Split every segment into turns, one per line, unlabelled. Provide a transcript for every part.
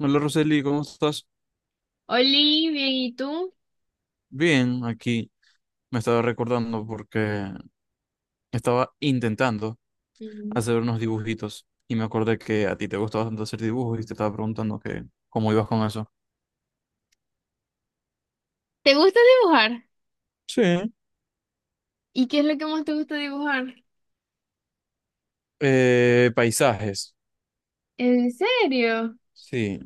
Hola Roseli, ¿cómo estás?
Oli, bien, ¿y tú?
Bien, aquí me estaba recordando porque estaba intentando
Mm.
hacer unos dibujitos y me acordé que a ti te gusta bastante hacer dibujos y te estaba preguntando que cómo ibas con eso.
¿Te gusta dibujar?
Sí.
¿Y qué es lo que más te gusta dibujar?
Paisajes,
¿En serio?
sí.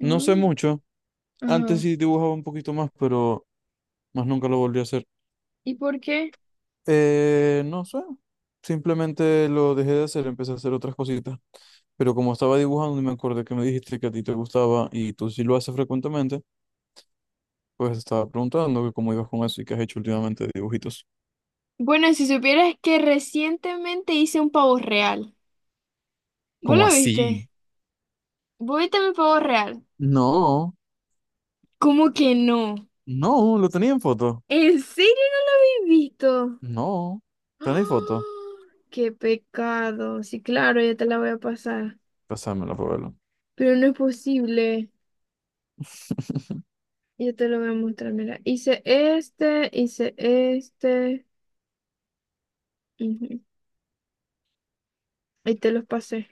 No sé
Mm.
mucho. Antes
Ajá.
sí dibujaba un poquito más, pero más nunca lo volví a hacer.
¿Y por qué?
No sé. Simplemente lo dejé de hacer, empecé a hacer otras cositas. Pero como estaba dibujando y me acordé que me dijiste que a ti te gustaba y tú sí lo haces frecuentemente. Pues estaba preguntando que cómo ibas con eso y qué has hecho últimamente de dibujitos.
Bueno, si supieras que recientemente hice un pavo real. ¿Vos
¿Cómo
lo
así?
viste? ¿Vos viste mi pavo real?
No,
¿Cómo que no?
no, lo tenía en foto.
¿En serio no lo habéis visto?
No, ¿tenéis foto?
¡Ah! ¡Qué pecado! Sí, claro, ya te la voy a pasar.
Pásamela para verlo.
Pero no es posible. Yo te lo voy a mostrar, mira. Hice este. ujú. Y te los pasé.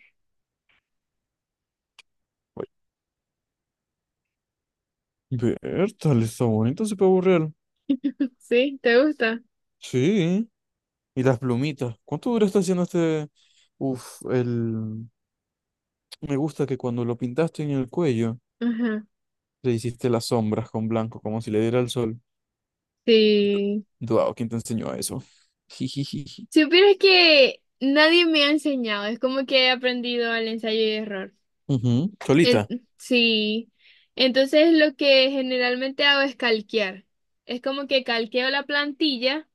Ver, tal está bonito ese pavo real.
¿Sí? ¿Te gusta?
Sí, y las plumitas. ¿Cuánto duraste haciendo este? Uf, el. Me gusta que cuando lo pintaste en el cuello,
Ajá.
le hiciste las sombras con blanco, como si le diera el sol.
Sí.
Wow, ¿quién te enseñó a eso? Jijijiji.
Supieras que nadie me ha enseñado. Es como que he aprendido al ensayo y error.
Ujú, solita.
Sí. Entonces lo que generalmente hago es calquear. Es como que calqueo la plantilla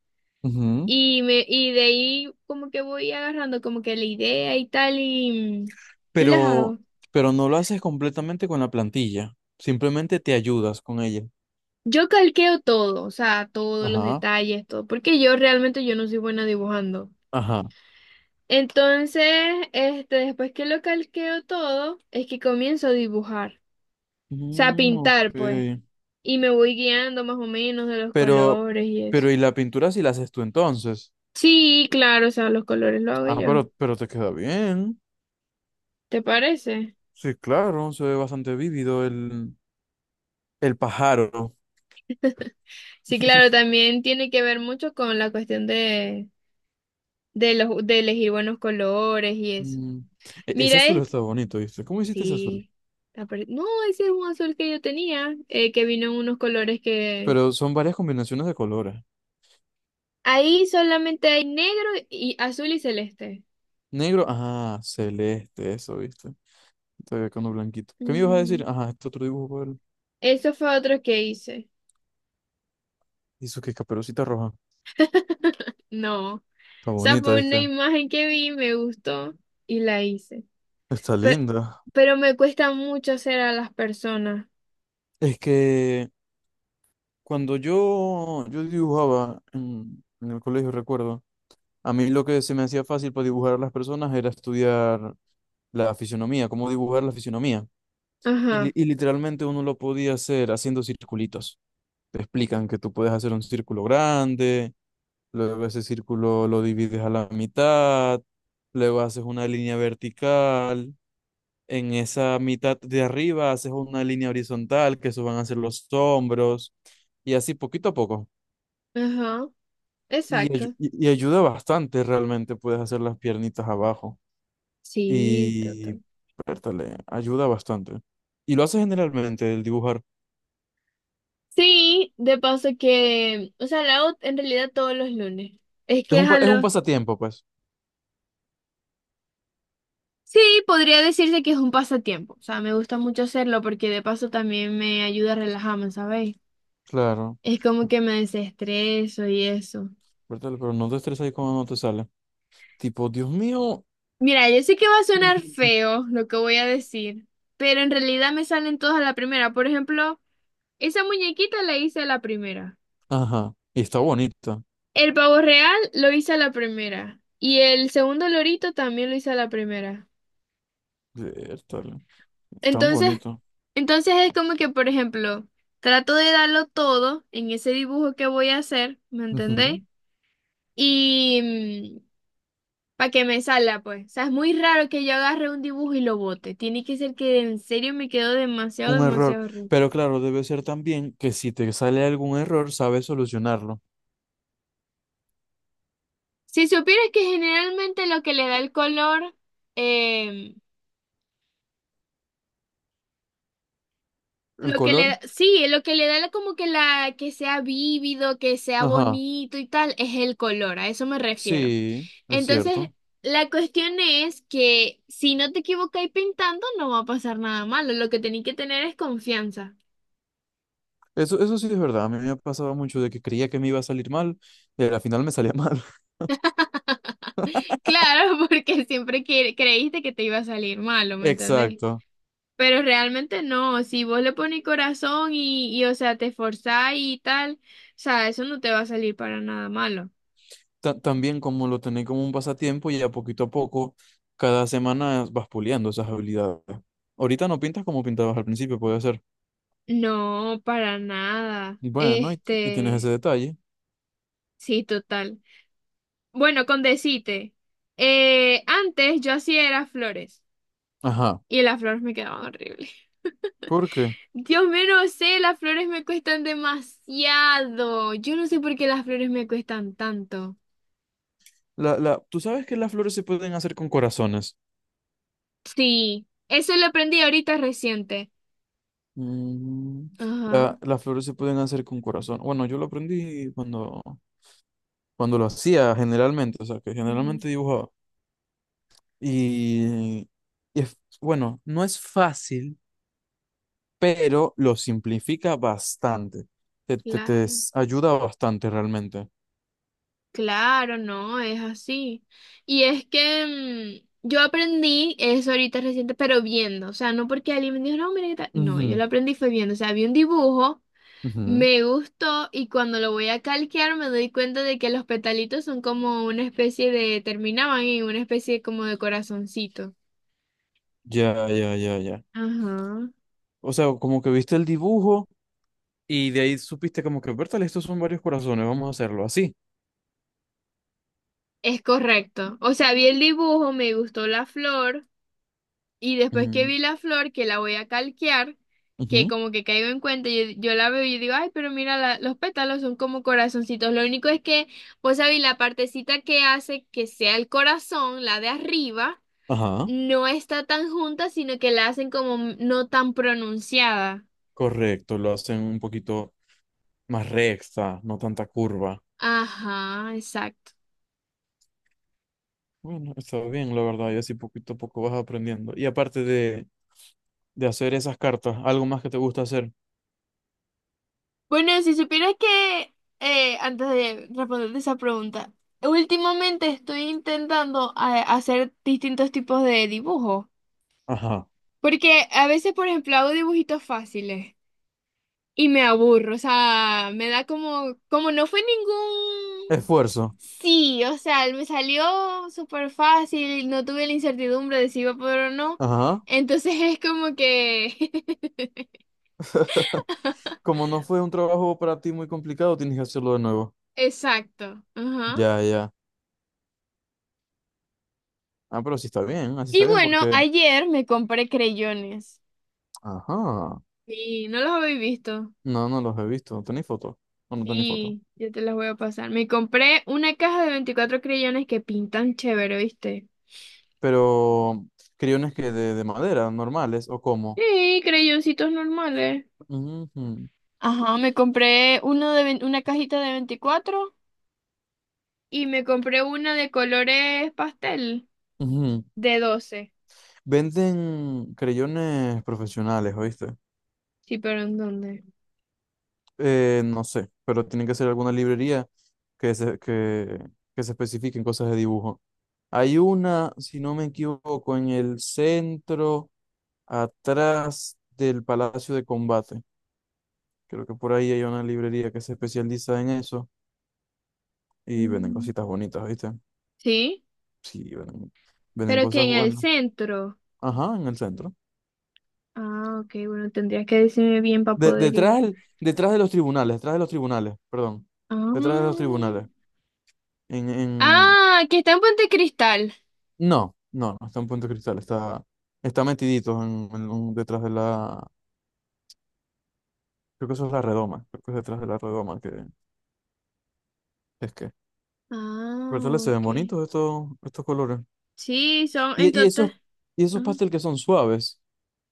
y de ahí como que voy agarrando como que la idea y tal y las
pero,
hago.
pero no lo haces completamente con la plantilla. Simplemente te ayudas con ella.
Yo calqueo todo, o sea, todos los
Ajá,
detalles, todo, porque yo realmente yo no soy buena dibujando.
ajá.
Entonces, después que lo calqueo todo, es que comienzo a dibujar, o sea, a
Mm,
pintar, pues,
ok.
y me voy guiando más o menos de los
Pero,
colores y eso.
¿Y la pintura si la haces tú entonces?
Sí, claro, o sea, los colores lo hago
Ah,
yo.
pero te queda bien.
¿Te parece?
Sí, claro, se ve bastante vívido el pájaro.
Sí, claro, también tiene que ver mucho con la cuestión de, de elegir buenos colores y eso.
Mm, Ese
Mira,
azul está bonito, ¿viste? ¿Cómo hiciste ese azul?
sí, no, ese es un azul que yo tenía, que vino en unos colores que...
Pero son varias combinaciones de colores.
Ahí solamente hay negro y azul y celeste.
Negro, ah, celeste, eso, ¿viste? Todavía con uno blanquito. ¿Qué me ibas a decir?
Ujú.
Ajá, este otro dibujo, Pablo.
Eso fue otro que hice.
¿Y eso qué? Caperucita roja.
No. O
Está
sea,
bonita,
fue una
¿viste?
imagen que vi, me gustó y la hice.
Está
Pero,
linda.
pero me cuesta mucho hacer a las personas.
Es que cuando yo dibujaba en el colegio, recuerdo, a mí lo que se me hacía fácil para dibujar a las personas era estudiar la fisionomía, cómo dibujar la fisionomía. Y, li-
Ajá,
y literalmente uno lo podía hacer haciendo circulitos. Te explican que tú puedes hacer un círculo grande, luego ese círculo lo divides a la mitad, luego haces una línea vertical. En esa mitad de arriba haces una línea horizontal, que eso van a ser los hombros, y así poquito a poco.
ajá,
Y, ayu-
exacto.
y- y ayuda bastante realmente, puedes hacer las piernitas abajo.
Sí,
Y,
total.
pértale, ayuda bastante. Y lo haces generalmente, el dibujar.
Sí, de paso que, o sea, la hago en realidad todos los lunes. Es
Es
que es
un, pa-
a
es un
los...
pasatiempo, pues.
Sí, podría decirse que es un pasatiempo. O sea, me gusta mucho hacerlo porque de paso también me ayuda a relajarme, ¿sabéis?
Claro,
Es como que me desestreso y eso.
pértale, pero no te estreses ahí cuando no te sale. Tipo, Dios mío.
Mira, yo sé que va a sonar feo lo que voy a decir, pero en realidad me salen todas a la primera. Por ejemplo, esa muñequita la hice a la primera.
Ajá, y está bonita.
El pavo real lo hice a la primera. Y el segundo lorito también lo hice a la primera.
Pértale, tan
Entonces,
bonito.
entonces, es como que, por ejemplo, trato de darlo todo en ese dibujo que voy a hacer, ¿me
Ujú.
entendéis? Y para que me salga, pues. O sea, es muy raro que yo agarre un dibujo y lo bote. Tiene que ser que en serio me quedó demasiado,
Un error.
demasiado rico.
Pero claro, debe ser también que si te sale algún error, sabes solucionarlo.
Si supieras que generalmente lo que le da el color, eh,
¿El
lo que le
color?
da, sí, lo que le da como que la, que sea vívido, que sea
Ajá.
bonito y tal, es el color, a eso me refiero.
Sí, es
Entonces,
cierto.
la cuestión es que si no te equivocáis pintando, no va a pasar nada malo. Lo que tenéis que tener es confianza.
Eso sí es verdad. A mí me pasaba mucho de que creía que me iba a salir mal, y al final me salía mal.
Claro, porque creíste que te iba a salir malo, ¿me entendéis?
Exacto.
Pero realmente no. Si vos le pones corazón o sea, te esforzás y tal, o sea, eso no te va a salir para nada malo.
También como lo tenés como un pasatiempo y a poquito a poco, cada semana vas puliendo esas habilidades. Ahorita no pintas como pintabas al principio, puede ser.
No, para nada.
Bueno, y tienes ese detalle.
Sí, total. Bueno, con decirte, antes yo hacía era flores.
Ajá.
Y las flores me quedaban horribles.
¿Por qué?
Dios mío, no sé, las flores me cuestan demasiado. Yo no sé por qué las flores me cuestan tanto.
Tú sabes que las flores se pueden hacer con corazones.
Sí, eso lo aprendí ahorita reciente.
Mm,
Ajá,
las flores se pueden hacer con corazón. Bueno, yo lo aprendí cuando lo hacía generalmente, o sea, que
ujú,
generalmente dibujaba. Y, y es, bueno, no es fácil, pero lo simplifica bastante. Te, te, te
claro.
s- ayuda bastante realmente.
Claro, no, es así. Y es que yo aprendí eso ahorita reciente, pero viendo. O sea, no porque alguien me dijo, no, mira qué tal. No, yo lo aprendí fue viendo. O sea, vi un dibujo.
Ujú, ujú.
Me gustó y cuando lo voy a calquear me doy cuenta de que los petalitos son como una especie de, terminaban en una especie como de corazoncito.
Ya, ya, ya, ya.
Ajá.
O sea, como que viste el dibujo y de ahí supiste como que, bertal, estos son varios corazones, vamos a hacerlo así.
Es correcto. O sea, vi el dibujo, me gustó la flor y después que
Mm,
vi la flor, que la voy a calquear, que
ujú.
como que caigo en cuenta, yo la veo y digo, ay, pero mira, los pétalos son como corazoncitos. Lo único es que, vos sabéis, la partecita que hace que sea el corazón, la de arriba,
Ajá.
no está tan junta, sino que la hacen como no tan pronunciada.
Correcto, lo hacen un poquito más recta, no tanta curva.
Ajá, exacto.
Bueno, está bien, la verdad, y así poquito a poco vas aprendiendo. Y aparte de hacer esas cartas, algo más que te gusta hacer.
Bueno, si supieras que, antes de responderte esa pregunta, últimamente estoy intentando hacer distintos tipos de dibujos,
Ajá.
porque a veces, por ejemplo, hago dibujitos fáciles y me aburro, o sea, me da como, como no fue ningún...
Esfuerzo.
Sí, o sea, me salió súper fácil, no tuve la incertidumbre de si iba a poder o no.
Ajá.
Entonces es como que...
Como no fue un trabajo para ti muy complicado, tienes que hacerlo de nuevo.
Exacto. Ajá.
Ya, ya. Ah, pero sí está bien, así
Y
está bien
bueno,
porque.
ayer me compré creyones.
Ajá.
Sí, no los habéis visto.
No, no los he visto, no tenéis fotos. No, no tenéis fotos.
Sí, yo te los voy a pasar. Me compré una caja de 24 creyones que pintan chévere, ¿viste?
Pero criones que de madera, ¿normales, o cómo?
Sí, creyoncitos normales.
Ujú,
Ajá, me compré una cajita de 24 y me compré una de colores pastel.
ujú.
De 12.
Venden creyones profesionales, ¿oíste?
Sí, pero ¿en dónde?
No sé, pero tiene que ser alguna librería que se, que, que se especifique en cosas de dibujo. Hay una, si no me equivoco, en el centro, atrás del Palacio de Combate. Creo que por ahí hay una librería que se especializa en eso y venden
Mm.
cositas bonitas, ¿viste?
Sí,
Sí, venden
pero que
cosas
en el
buenas.
centro.
Ajá, en el centro.
Ah, ok, bueno, tendrías que decirme bien para
De-
poder
detrás,
ir.
del- detrás de los tribunales, perdón.
Ah,
Detrás de los tribunales. En, en,
ah, que está en Puente Cristal.
No, no, no está en Puente Cristal, está metidito en, detrás de la, creo que eso es la redoma, creo que es detrás de la redoma que es que. Pero
Ah,
tal vez se ven
ok.
bonitos estos colores.
Sí, son en
Y esos,
total.
y esos
Ah,
pastel que son suaves.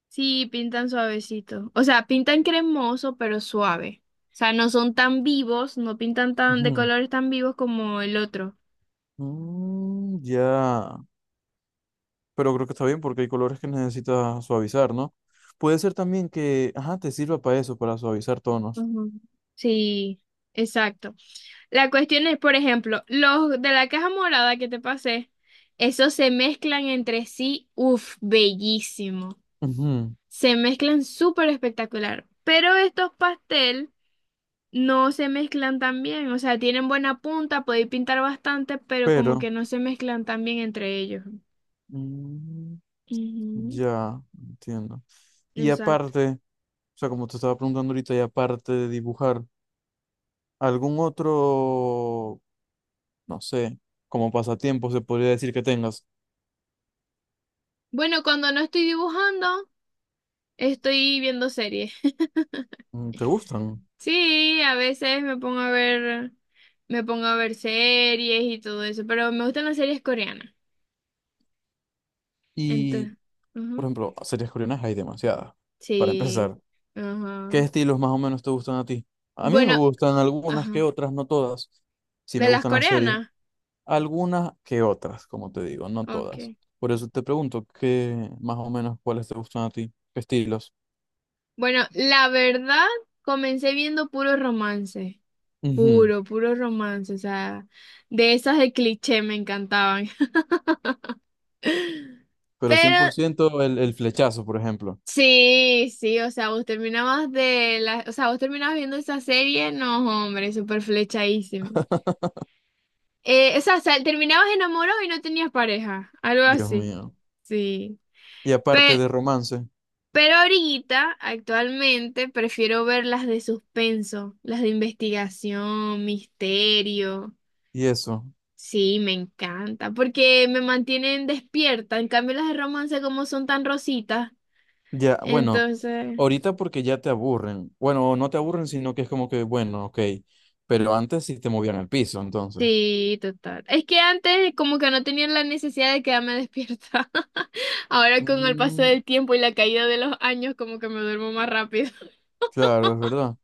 sí, pintan suavecito. O sea, pintan cremoso, pero suave. O sea, no son tan vivos, no pintan tan de
Ujú.
colores tan vivos como el otro.
Mm, ya, pero creo que está bien porque hay colores que necesitas suavizar, ¿no? Puede ser también que, ajá, te sirva para eso, para suavizar tonos.
Ujú. Sí, exacto. La cuestión es, por ejemplo, los de la caja morada que te pasé, esos se mezclan entre sí, uff, bellísimo.
Ujú.
Se mezclan súper espectacular. Pero estos pastel no se mezclan tan bien, o sea, tienen buena punta, podéis pintar bastante, pero como
Pero,
que no se mezclan tan bien entre ellos.
mm,
Ujú,
ya, entiendo. Y
exacto.
aparte, o sea, como te estaba preguntando ahorita, y aparte de dibujar, ¿algún otro, no sé, como pasatiempo se podría decir que tengas?
Bueno, cuando no estoy dibujando, estoy viendo series.
Mm, ¿te gustan?
Sí, a veces me pongo a ver, me pongo a ver series y todo eso, pero me gustan las series coreanas.
Y,
Entonces,
por
ujú,
ejemplo, series coreanas hay demasiadas. Para
sí,
empezar, ¿qué
ajá.
estilos más o menos te gustan a ti? A mí me
Bueno,
gustan algunas que
ajá.
otras, no todas. Sí
¿De
me
las
gustan las series,
coreanas?
algunas que otras, como te digo, no todas.
Ok.
Por eso te pregunto, ¿qué más o menos cuáles te gustan a ti? ¿Qué estilos?
Bueno, la verdad, comencé viendo puro romance.
Ujú.
Puro, puro romance. O sea, de esas de cliché me encantaban.
Pero cien por
Pero
ciento el flechazo, por ejemplo.
sí, sí, o sea, vos terminabas de la, o sea, vos terminabas viendo esa serie, no, hombre, súper flechadísimo. O sea, terminabas enamorado y no tenías pareja, algo
Dios
así.
mío.
Sí.
Y aparte
Pero,
de romance
pero ahorita, actualmente, prefiero ver las de suspenso, las de investigación, misterio.
y eso,
Sí, me encanta, porque me mantienen despierta. En cambio, las de romance, como son tan rositas,
ya, bueno,
entonces.
ahorita porque ya te aburren. Bueno, no te aburren, sino que es como que, bueno, ok, pero antes sí te movían el piso, entonces.
Sí, total. Es que antes como que no tenía la necesidad de quedarme despierta. Ahora con el paso
Mm,
del tiempo y la caída de los años como que me duermo más rápido.
claro, es verdad.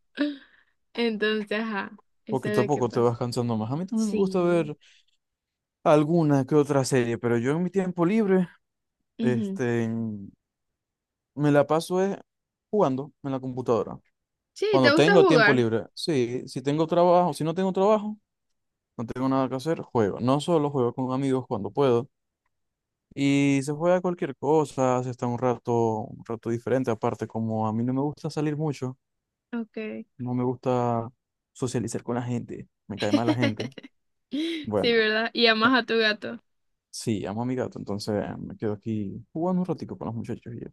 Entonces, ajá, eso
Poquito
es
a
lo que
poco te
pasa.
vas cansando más. A mí también me gusta
Sí.
ver alguna que otra serie, pero yo en mi tiempo libre,
Ujú.
este, me la paso jugando en la computadora.
Sí, ¿te
Cuando
gusta
tengo tiempo
jugar?
libre, sí, si tengo trabajo, si no tengo trabajo. No tengo nada que hacer, juego. No solo juego con amigos cuando puedo. Y se juega cualquier cosa, se está un rato diferente. Aparte, como a mí no me gusta salir mucho,
Okay.
no me gusta socializar con la gente, me cae mal la gente.
Sí,
Bueno,
¿verdad? Y amas a tu gato.
sí, amo a mi gato, entonces me quedo aquí jugando un ratico con los muchachos. Y yo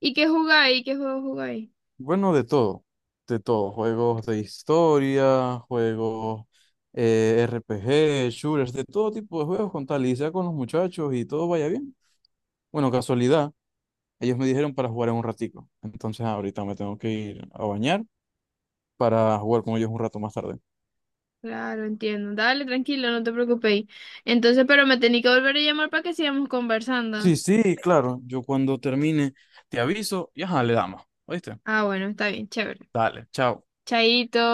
¿Y qué jugáis? ¿Qué juego jugáis?
Bueno, de todo, de todo. Juegos de historia, juegos RPG, shooters, de todo tipo de juegos con tal y sea con los muchachos y todo vaya bien. Bueno, casualidad. Ellos me dijeron para jugar en un ratico. Entonces ahorita me tengo que ir a bañar para jugar con ellos un rato más tarde.
Claro, entiendo. Dale, tranquilo, no te preocupéis. Entonces, pero me tenéis que volver a llamar para que sigamos conversando.
Sí, sí, claro. Yo cuando termine te aviso y ajá, le damos. ¿Oíste?
Ah, bueno, está bien, chévere.
Dale, chao.
Chaito.